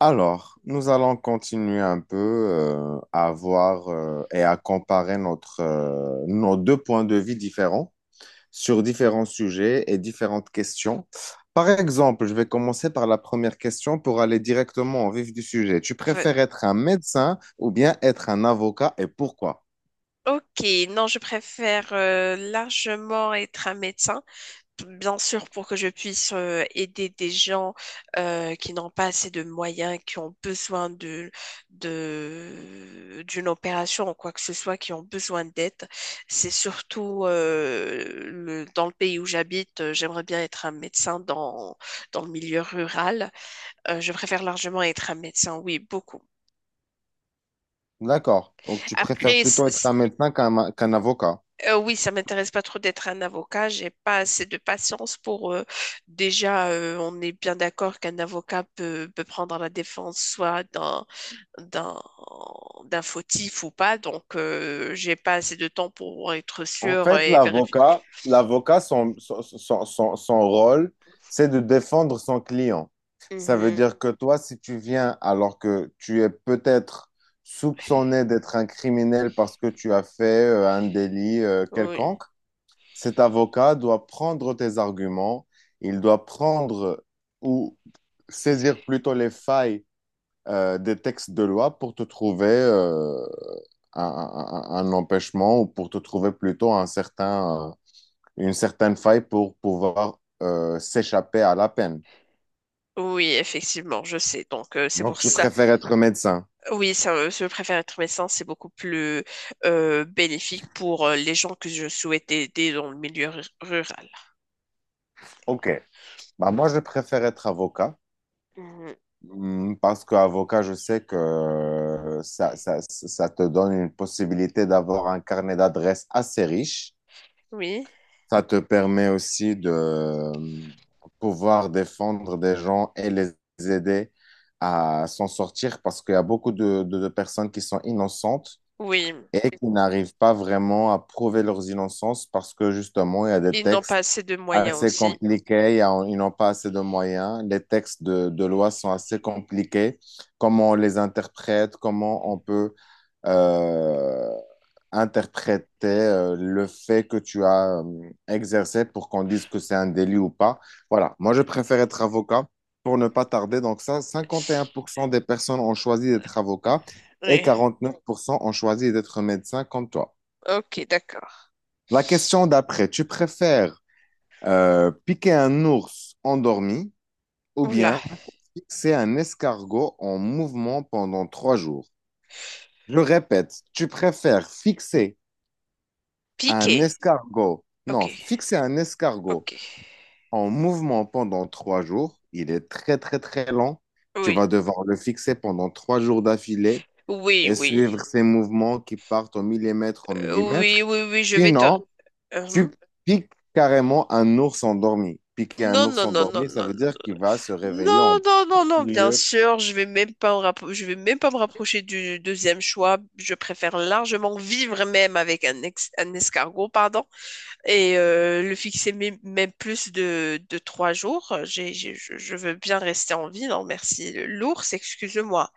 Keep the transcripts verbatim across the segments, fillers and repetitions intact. Alors, nous allons continuer un peu euh, à voir euh, et à comparer notre, euh, nos deux points de vue différents sur différents sujets et différentes questions. Par exemple, je vais commencer par la première question pour aller directement au vif du sujet. Tu Va- préfères être un médecin ou bien être un avocat et pourquoi? Ok, non, je préfère euh, largement être un médecin, bien sûr pour que je puisse euh, aider des gens euh, qui n'ont pas assez de moyens, qui ont besoin de, de, d'une opération ou quoi que ce soit, qui ont besoin d'aide. C'est surtout euh, le, dans le pays où j'habite, euh, j'aimerais bien être un médecin dans, dans le milieu rural. Euh, je préfère largement être un médecin, oui, beaucoup. D'accord. Donc, tu préfères Après, plutôt être c- un médecin qu'un qu'un avocat. Euh, oui, ça m'intéresse pas trop d'être un avocat. J'ai pas assez de patience pour euh, déjà. euh, on est bien d'accord qu'un avocat peut, peut prendre la défense soit d'un d'un d'un fautif ou pas. Donc, euh, j'ai pas assez de temps pour être En sûr fait, et vérifier. l'avocat, l'avocat, son, son, son- son- son rôle, c'est de défendre son client. Ça veut Mhm. dire que toi, si tu viens alors que tu es peut-être soupçonné d'être un criminel parce que tu as fait euh, un délit euh, Oui. quelconque, cet avocat doit prendre tes arguments, il doit prendre ou saisir plutôt les failles euh, des textes de loi pour te trouver euh, un, un- un- un empêchement ou pour te trouver plutôt un certain... euh, une certaine faille pour pouvoir euh, s'échapper à la peine. Oui, effectivement, je sais. Donc, euh, c'est Donc, pour tu ça. préfères être médecin. Oui, ça, euh, je préfère être médecin. C'est beaucoup plus euh, bénéfique pour euh, les gens que je souhaite aider dans le milieu ru- rural. OK. Bah, moi, je préfère être avocat Mhm. hum, parce qu'avocat, je sais que euh, ça, ça, ça te donne une possibilité d'avoir un carnet d'adresses assez riche. Oui, Ça te permet aussi de euh, pouvoir défendre des gens et les aider à s'en sortir parce qu'il y a beaucoup de, de- de personnes qui sont innocentes oui. et qui n'arrivent pas vraiment à prouver leurs innocences parce que justement, il y a des Ils n'ont pas textes assez de moyens assez aussi. compliqués, il y a- ils n'ont pas assez de moyens, les textes de, de loi sont assez compliqués, comment on les interprète, comment on peut euh, interprétait euh, le fait que tu as euh, exercé pour qu'on dise que c'est un délit ou pas. Voilà, moi je préfère être avocat pour ne pas tarder. Donc ça, cinquante et un pour cent des personnes ont choisi d'être avocat et Oui, quarante-neuf pour cent ont choisi d'être médecin comme toi. ok, d'accord. La question d'après, tu préfères euh, piquer un ours endormi ou Oula, bien fixer un escargot en mouvement pendant trois jours? Je répète, tu préfères fixer piqué. Un escargot. Ok, Non, fixer un escargot ok. en mouvement pendant trois jours, il est très très très lent. Tu Oui, vas devoir le fixer pendant trois jours d'affilée oui, et oui. suivre ses mouvements qui partent au millimètre au Euh, millimètre. Oui, oui, oui, je vais te... Sinon, tu Uhum. piques carrément un ours endormi. Piquer un Non, ours non, non, non, endormi, ça non, veut non. dire qu'il va se réveiller Non, en non, non, non, bien furieux. sûr, je vais même pas me rappro- je vais même pas me rapprocher du deuxième choix. Je préfère largement vivre même avec un, ex- un escargot, pardon, et euh, le fixer mé- même plus de, de trois jours. J'ai, j'ai- je, je veux bien rester en vie, non merci. L'ours, excuse-moi.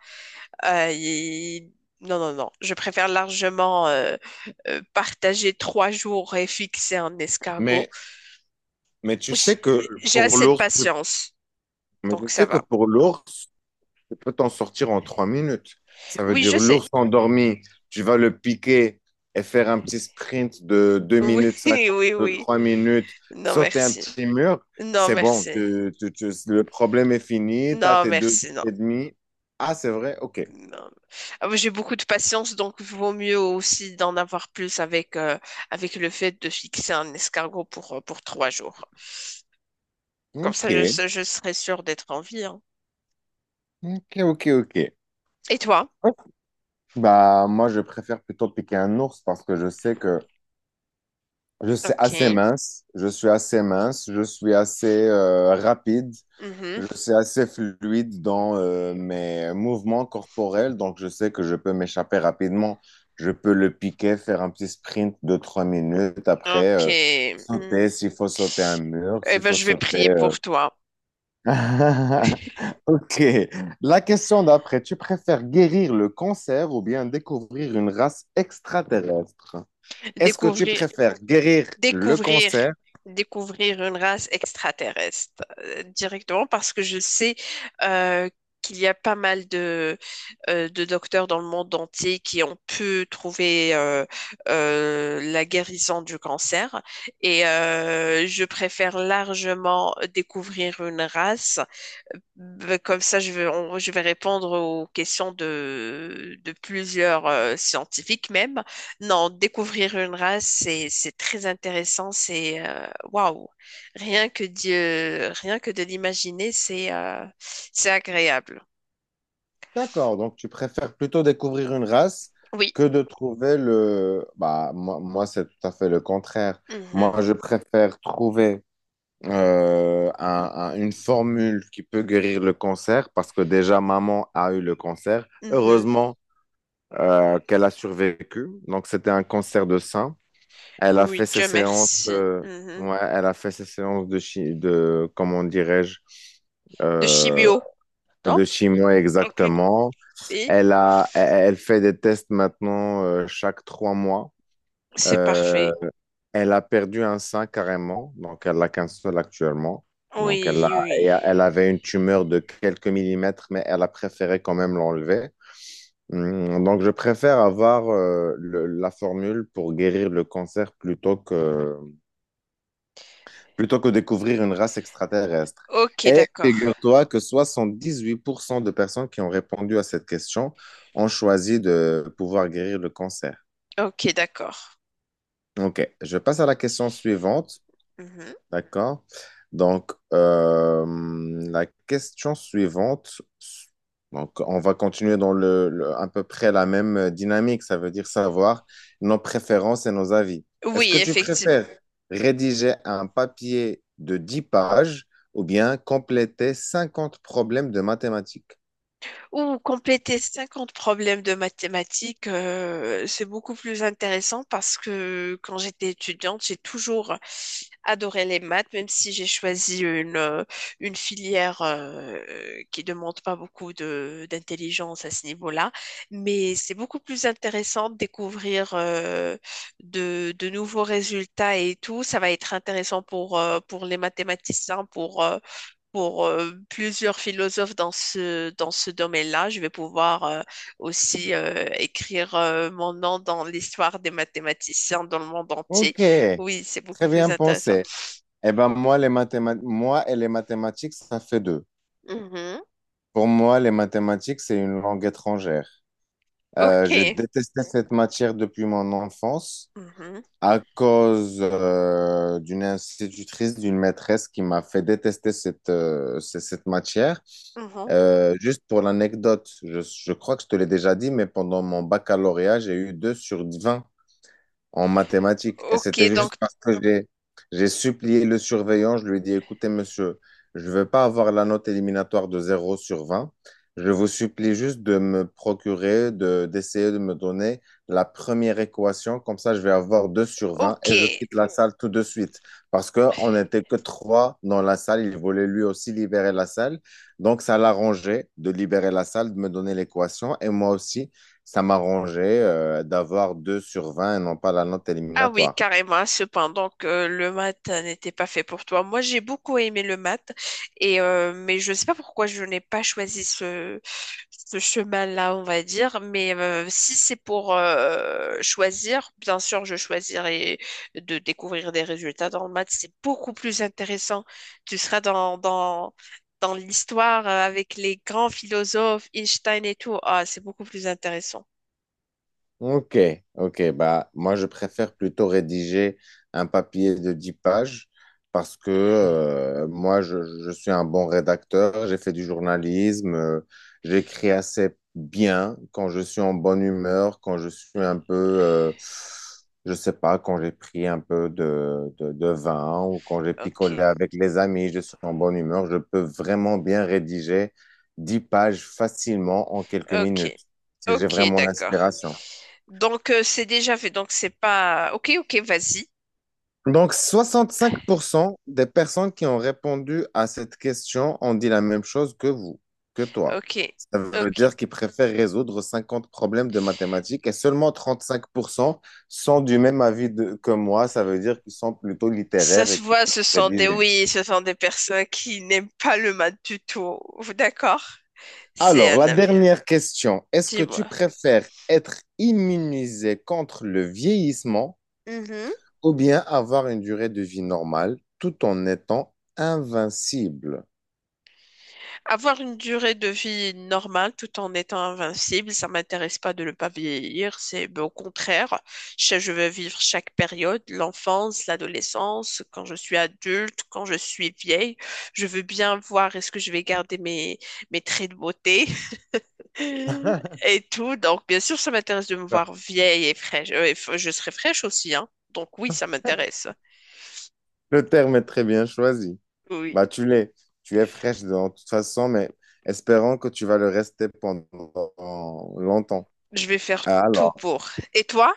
Euh, il- Non, non, non. Je préfère largement euh, euh, partager trois jours et fixer un escargot. Mais, mais tu J- sais que J'ai pour assez de l'ours, patience, mais donc tu ça sais que va. pour l'ours, Tu peux t'en sortir en trois minutes. Ça veut Oui, je dire sais. l'ours endormi, tu vas le piquer et faire un petit sprint de deux Oui, minutes cinquante oui, de oui. trois minutes, Non, sauter un merci. petit mur. Non, C'est bon, merci. tu- tu- tu- le problème est fini, tu as Non, tes deux jours merci, non. et demi. Ah, c'est vrai? Ok. Non. Ah, moi, j'ai beaucoup de patience, donc vaut mieux aussi d'en avoir plus avec, euh, avec le fait de fixer un escargot pour, euh, pour trois jours. Comme Ok, ça, je, se- je serai sûre d'être en vie, hein. ok, ok, Et toi? ok. Bah, moi, je préfère plutôt piquer un ours parce que je sais que Je suis assez Ok. mince, je suis assez mince, je suis assez euh, rapide, Mhm. je suis assez fluide dans euh, mes mouvements corporels, donc je sais que je peux m'échapper rapidement. Je peux le piquer, faire un petit sprint de trois minutes, après Ok. euh, sauter Hmm. s'il faut sauter un mur, Eh s'il ben, faut je vais sauter... prier euh. pour toi. Ok, la question d'après, tu préfères guérir le cancer ou bien découvrir une race extraterrestre? Est-ce que tu Découvrir. préfères guérir le découvrir, cancer? Découvrir une race extraterrestre euh, directement parce que je sais euh, qu'il y a pas mal de, euh, de docteurs dans le monde entier qui ont pu trouver euh, euh, la guérison du cancer. Et euh, je préfère largement découvrir une race. Euh, bah, Comme ça, je vais, on- je vais répondre aux questions de, de plusieurs euh, scientifiques même. Non, découvrir une race, c'est c'est très intéressant. C'est euh, waouh, rien que Dieu, rien que de l'imaginer, c'est euh, c'est agréable. D'accord, donc tu préfères plutôt découvrir une race Oui. que de trouver le... Bah, moi, moi, c'est tout à fait le contraire. Mhm. Moi, je préfère trouver euh, un- un- une formule qui peut guérir le cancer parce que déjà, maman a eu le cancer. Mhm. Heureusement euh, qu'elle a survécu. Donc, c'était un cancer de sein. Elle a fait Oui, ses Dieu séances... merci. euh, Mhm. ouais, elle a fait ses séances de, chi- de comment dirais-je, De euh, chimio, non? De chimio, Aucune. exactement. Et Elle a, elle elle fait des tests maintenant euh, chaque trois mois. c'est Euh, parfait. elle a perdu un sein carrément, donc elle a qu'un seul actuellement. Donc elle Oui, a, et oui. elle avait une tumeur de quelques millimètres, mais elle a préféré quand même l'enlever. Hum, Donc je préfère avoir euh, le- la formule pour guérir le cancer plutôt que plutôt que découvrir une race extraterrestre. Ok, Et d'accord. figure-toi que soixante-dix-huit pour cent de personnes qui ont répondu à cette question ont choisi de pouvoir guérir le cancer. Ok, d'accord. OK, je passe à la question suivante. Mhm. D'accord. Donc, euh, la question suivante, donc on va continuer dans le, le- à peu près la même dynamique, ça veut dire savoir nos préférences et nos avis. Est-ce que Oui, tu effectivement. préfères rédiger un papier de dix pages ou bien compléter cinquante problèmes de mathématiques? Ou compléter cinquante problèmes de mathématiques, euh, c'est beaucoup plus intéressant parce que quand j'étais étudiante, j'ai toujours adoré les maths, même si j'ai choisi une, euh, une filière euh, qui demande pas beaucoup de, d'intelligence à ce niveau-là. Mais c'est beaucoup plus intéressant de découvrir euh, de, de nouveaux résultats et tout. Ça va être intéressant pour, euh, pour les mathématiciens, pour, euh, pour euh, plusieurs philosophes dans ce, dans ce domaine-là. Je vais pouvoir euh, aussi euh, écrire euh, mon nom dans l'histoire des mathématiciens dans le monde entier. Ok, Oui, c'est beaucoup très plus bien intéressant. pensé. Eh ben moi, les mathéma- moi et les mathématiques, ça fait deux. Mhm. Pour moi, les mathématiques, c'est une langue étrangère. Euh, j'ai OK. détesté cette matière depuis mon enfance Mhm. à cause euh, d'une institutrice, d'une maîtresse qui m'a fait détester cette, euh, c- cette matière. Mhm. Euh, juste pour l'anecdote, je, je crois que je te l'ai déjà dit, mais pendant mon baccalauréat, j'ai eu deux sur vingt en mathématiques. Et c'était OK, donc, juste parce que j'ai, j'ai supplié le surveillant. Je lui ai dit, écoutez, monsieur, je ne veux pas avoir la note éliminatoire de zéro sur vingt. Je vous supplie juste de me procurer, de, d'essayer de me donner la première équation. Comme ça, je vais avoir deux sur vingt et je OK. quitte la salle tout de suite. Parce qu'on n'était que trois dans la salle. Il voulait lui aussi libérer la salle. Donc, ça l'arrangeait de libérer la salle, de me donner l'équation. Et moi aussi, ça m'arrangeait euh, d'avoir deux sur vingt et non pas la note Ah oui, éliminatoire. carrément. Cependant que le maths n'était pas fait pour toi. Moi, j'ai beaucoup aimé le maths, et euh, mais je ne sais pas pourquoi je n'ai pas choisi ce, ce chemin-là, on va dire. Mais euh, si c'est pour euh, choisir, bien sûr, je choisirais de découvrir des résultats dans le maths. C'est beaucoup plus intéressant. Tu seras dans, dans, dans l'histoire euh, avec les grands philosophes, Einstein et tout. Ah, c'est beaucoup plus intéressant. Ok, ok. Bah, moi, je préfère plutôt rédiger un papier de dix pages parce que euh, moi, je, je suis un bon rédacteur, j'ai fait du journalisme, euh, j'écris assez bien quand je suis en bonne humeur, quand je suis un peu, euh, je sais pas, quand j'ai pris un peu de, de, de vin ou quand j'ai picolé Ok, avec les amis, je suis en bonne humeur, je peux vraiment bien rédiger dix pages facilement en quelques ok, minutes si j'ai ok, vraiment d'accord. l'inspiration. Donc, euh, c'est déjà fait. Donc, c'est pas. Ok, ok, vas-y. Donc, soixante-cinq pour cent des personnes qui ont répondu à cette question ont dit la même chose que vous, que toi. Ok, Ça veut ok. dire qu'ils préfèrent résoudre cinquante problèmes de mathématiques et seulement trente-cinq pour cent sont du même avis de- que moi. Ça veut dire qu'ils sont plutôt Ça littéraires se et qu'ils voit, peuvent ce sont des. rédiger. Oui, ce sont des personnes qui n'aiment pas le mat du tout. D'accord? C'est Alors, un la avis. dernière question. Est-ce que tu Dis-moi. préfères être immunisé contre le vieillissement ou bien avoir une durée de vie normale tout en étant invincible? Avoir une durée de vie normale tout en étant invincible, ça m'intéresse pas de ne pas vieillir, c'est ben, au contraire, je je veux vivre chaque période, l'enfance, l'adolescence, quand je suis adulte, quand je suis vieille, je veux bien voir est-ce que je vais garder mes, mes traits de beauté et tout. Donc bien sûr, ça m'intéresse de me voir vieille et fraîche. Euh, et f- je serai fraîche aussi, hein. Donc oui, ça m'intéresse. Le terme est très bien choisi. Oui, Bah, tu l'es. Tu es fraîche de toute façon, mais espérons que tu vas le rester pendant longtemps. je vais faire tout Alors, pour. Et toi?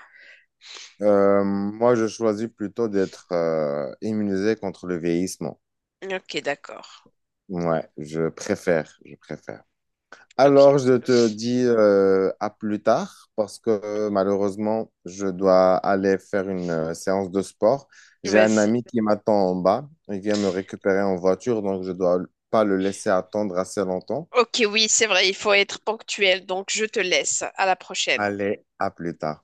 euh, moi, je choisis plutôt d'être euh, immunisé contre le vieillissement. Ok, d'accord. Ouais, je préfère, je préfère. Ok, Alors, je te dis euh, à plus tard parce que euh, malheureusement, je dois aller faire une euh, séance de sport. J'ai un vas-y. ami qui m'attend en bas. Il vient me récupérer en voiture, donc je dois pas le laisser attendre assez longtemps. Ok, oui, c'est vrai, il faut être ponctuel, donc je te laisse. À la prochaine. Allez, à plus tard.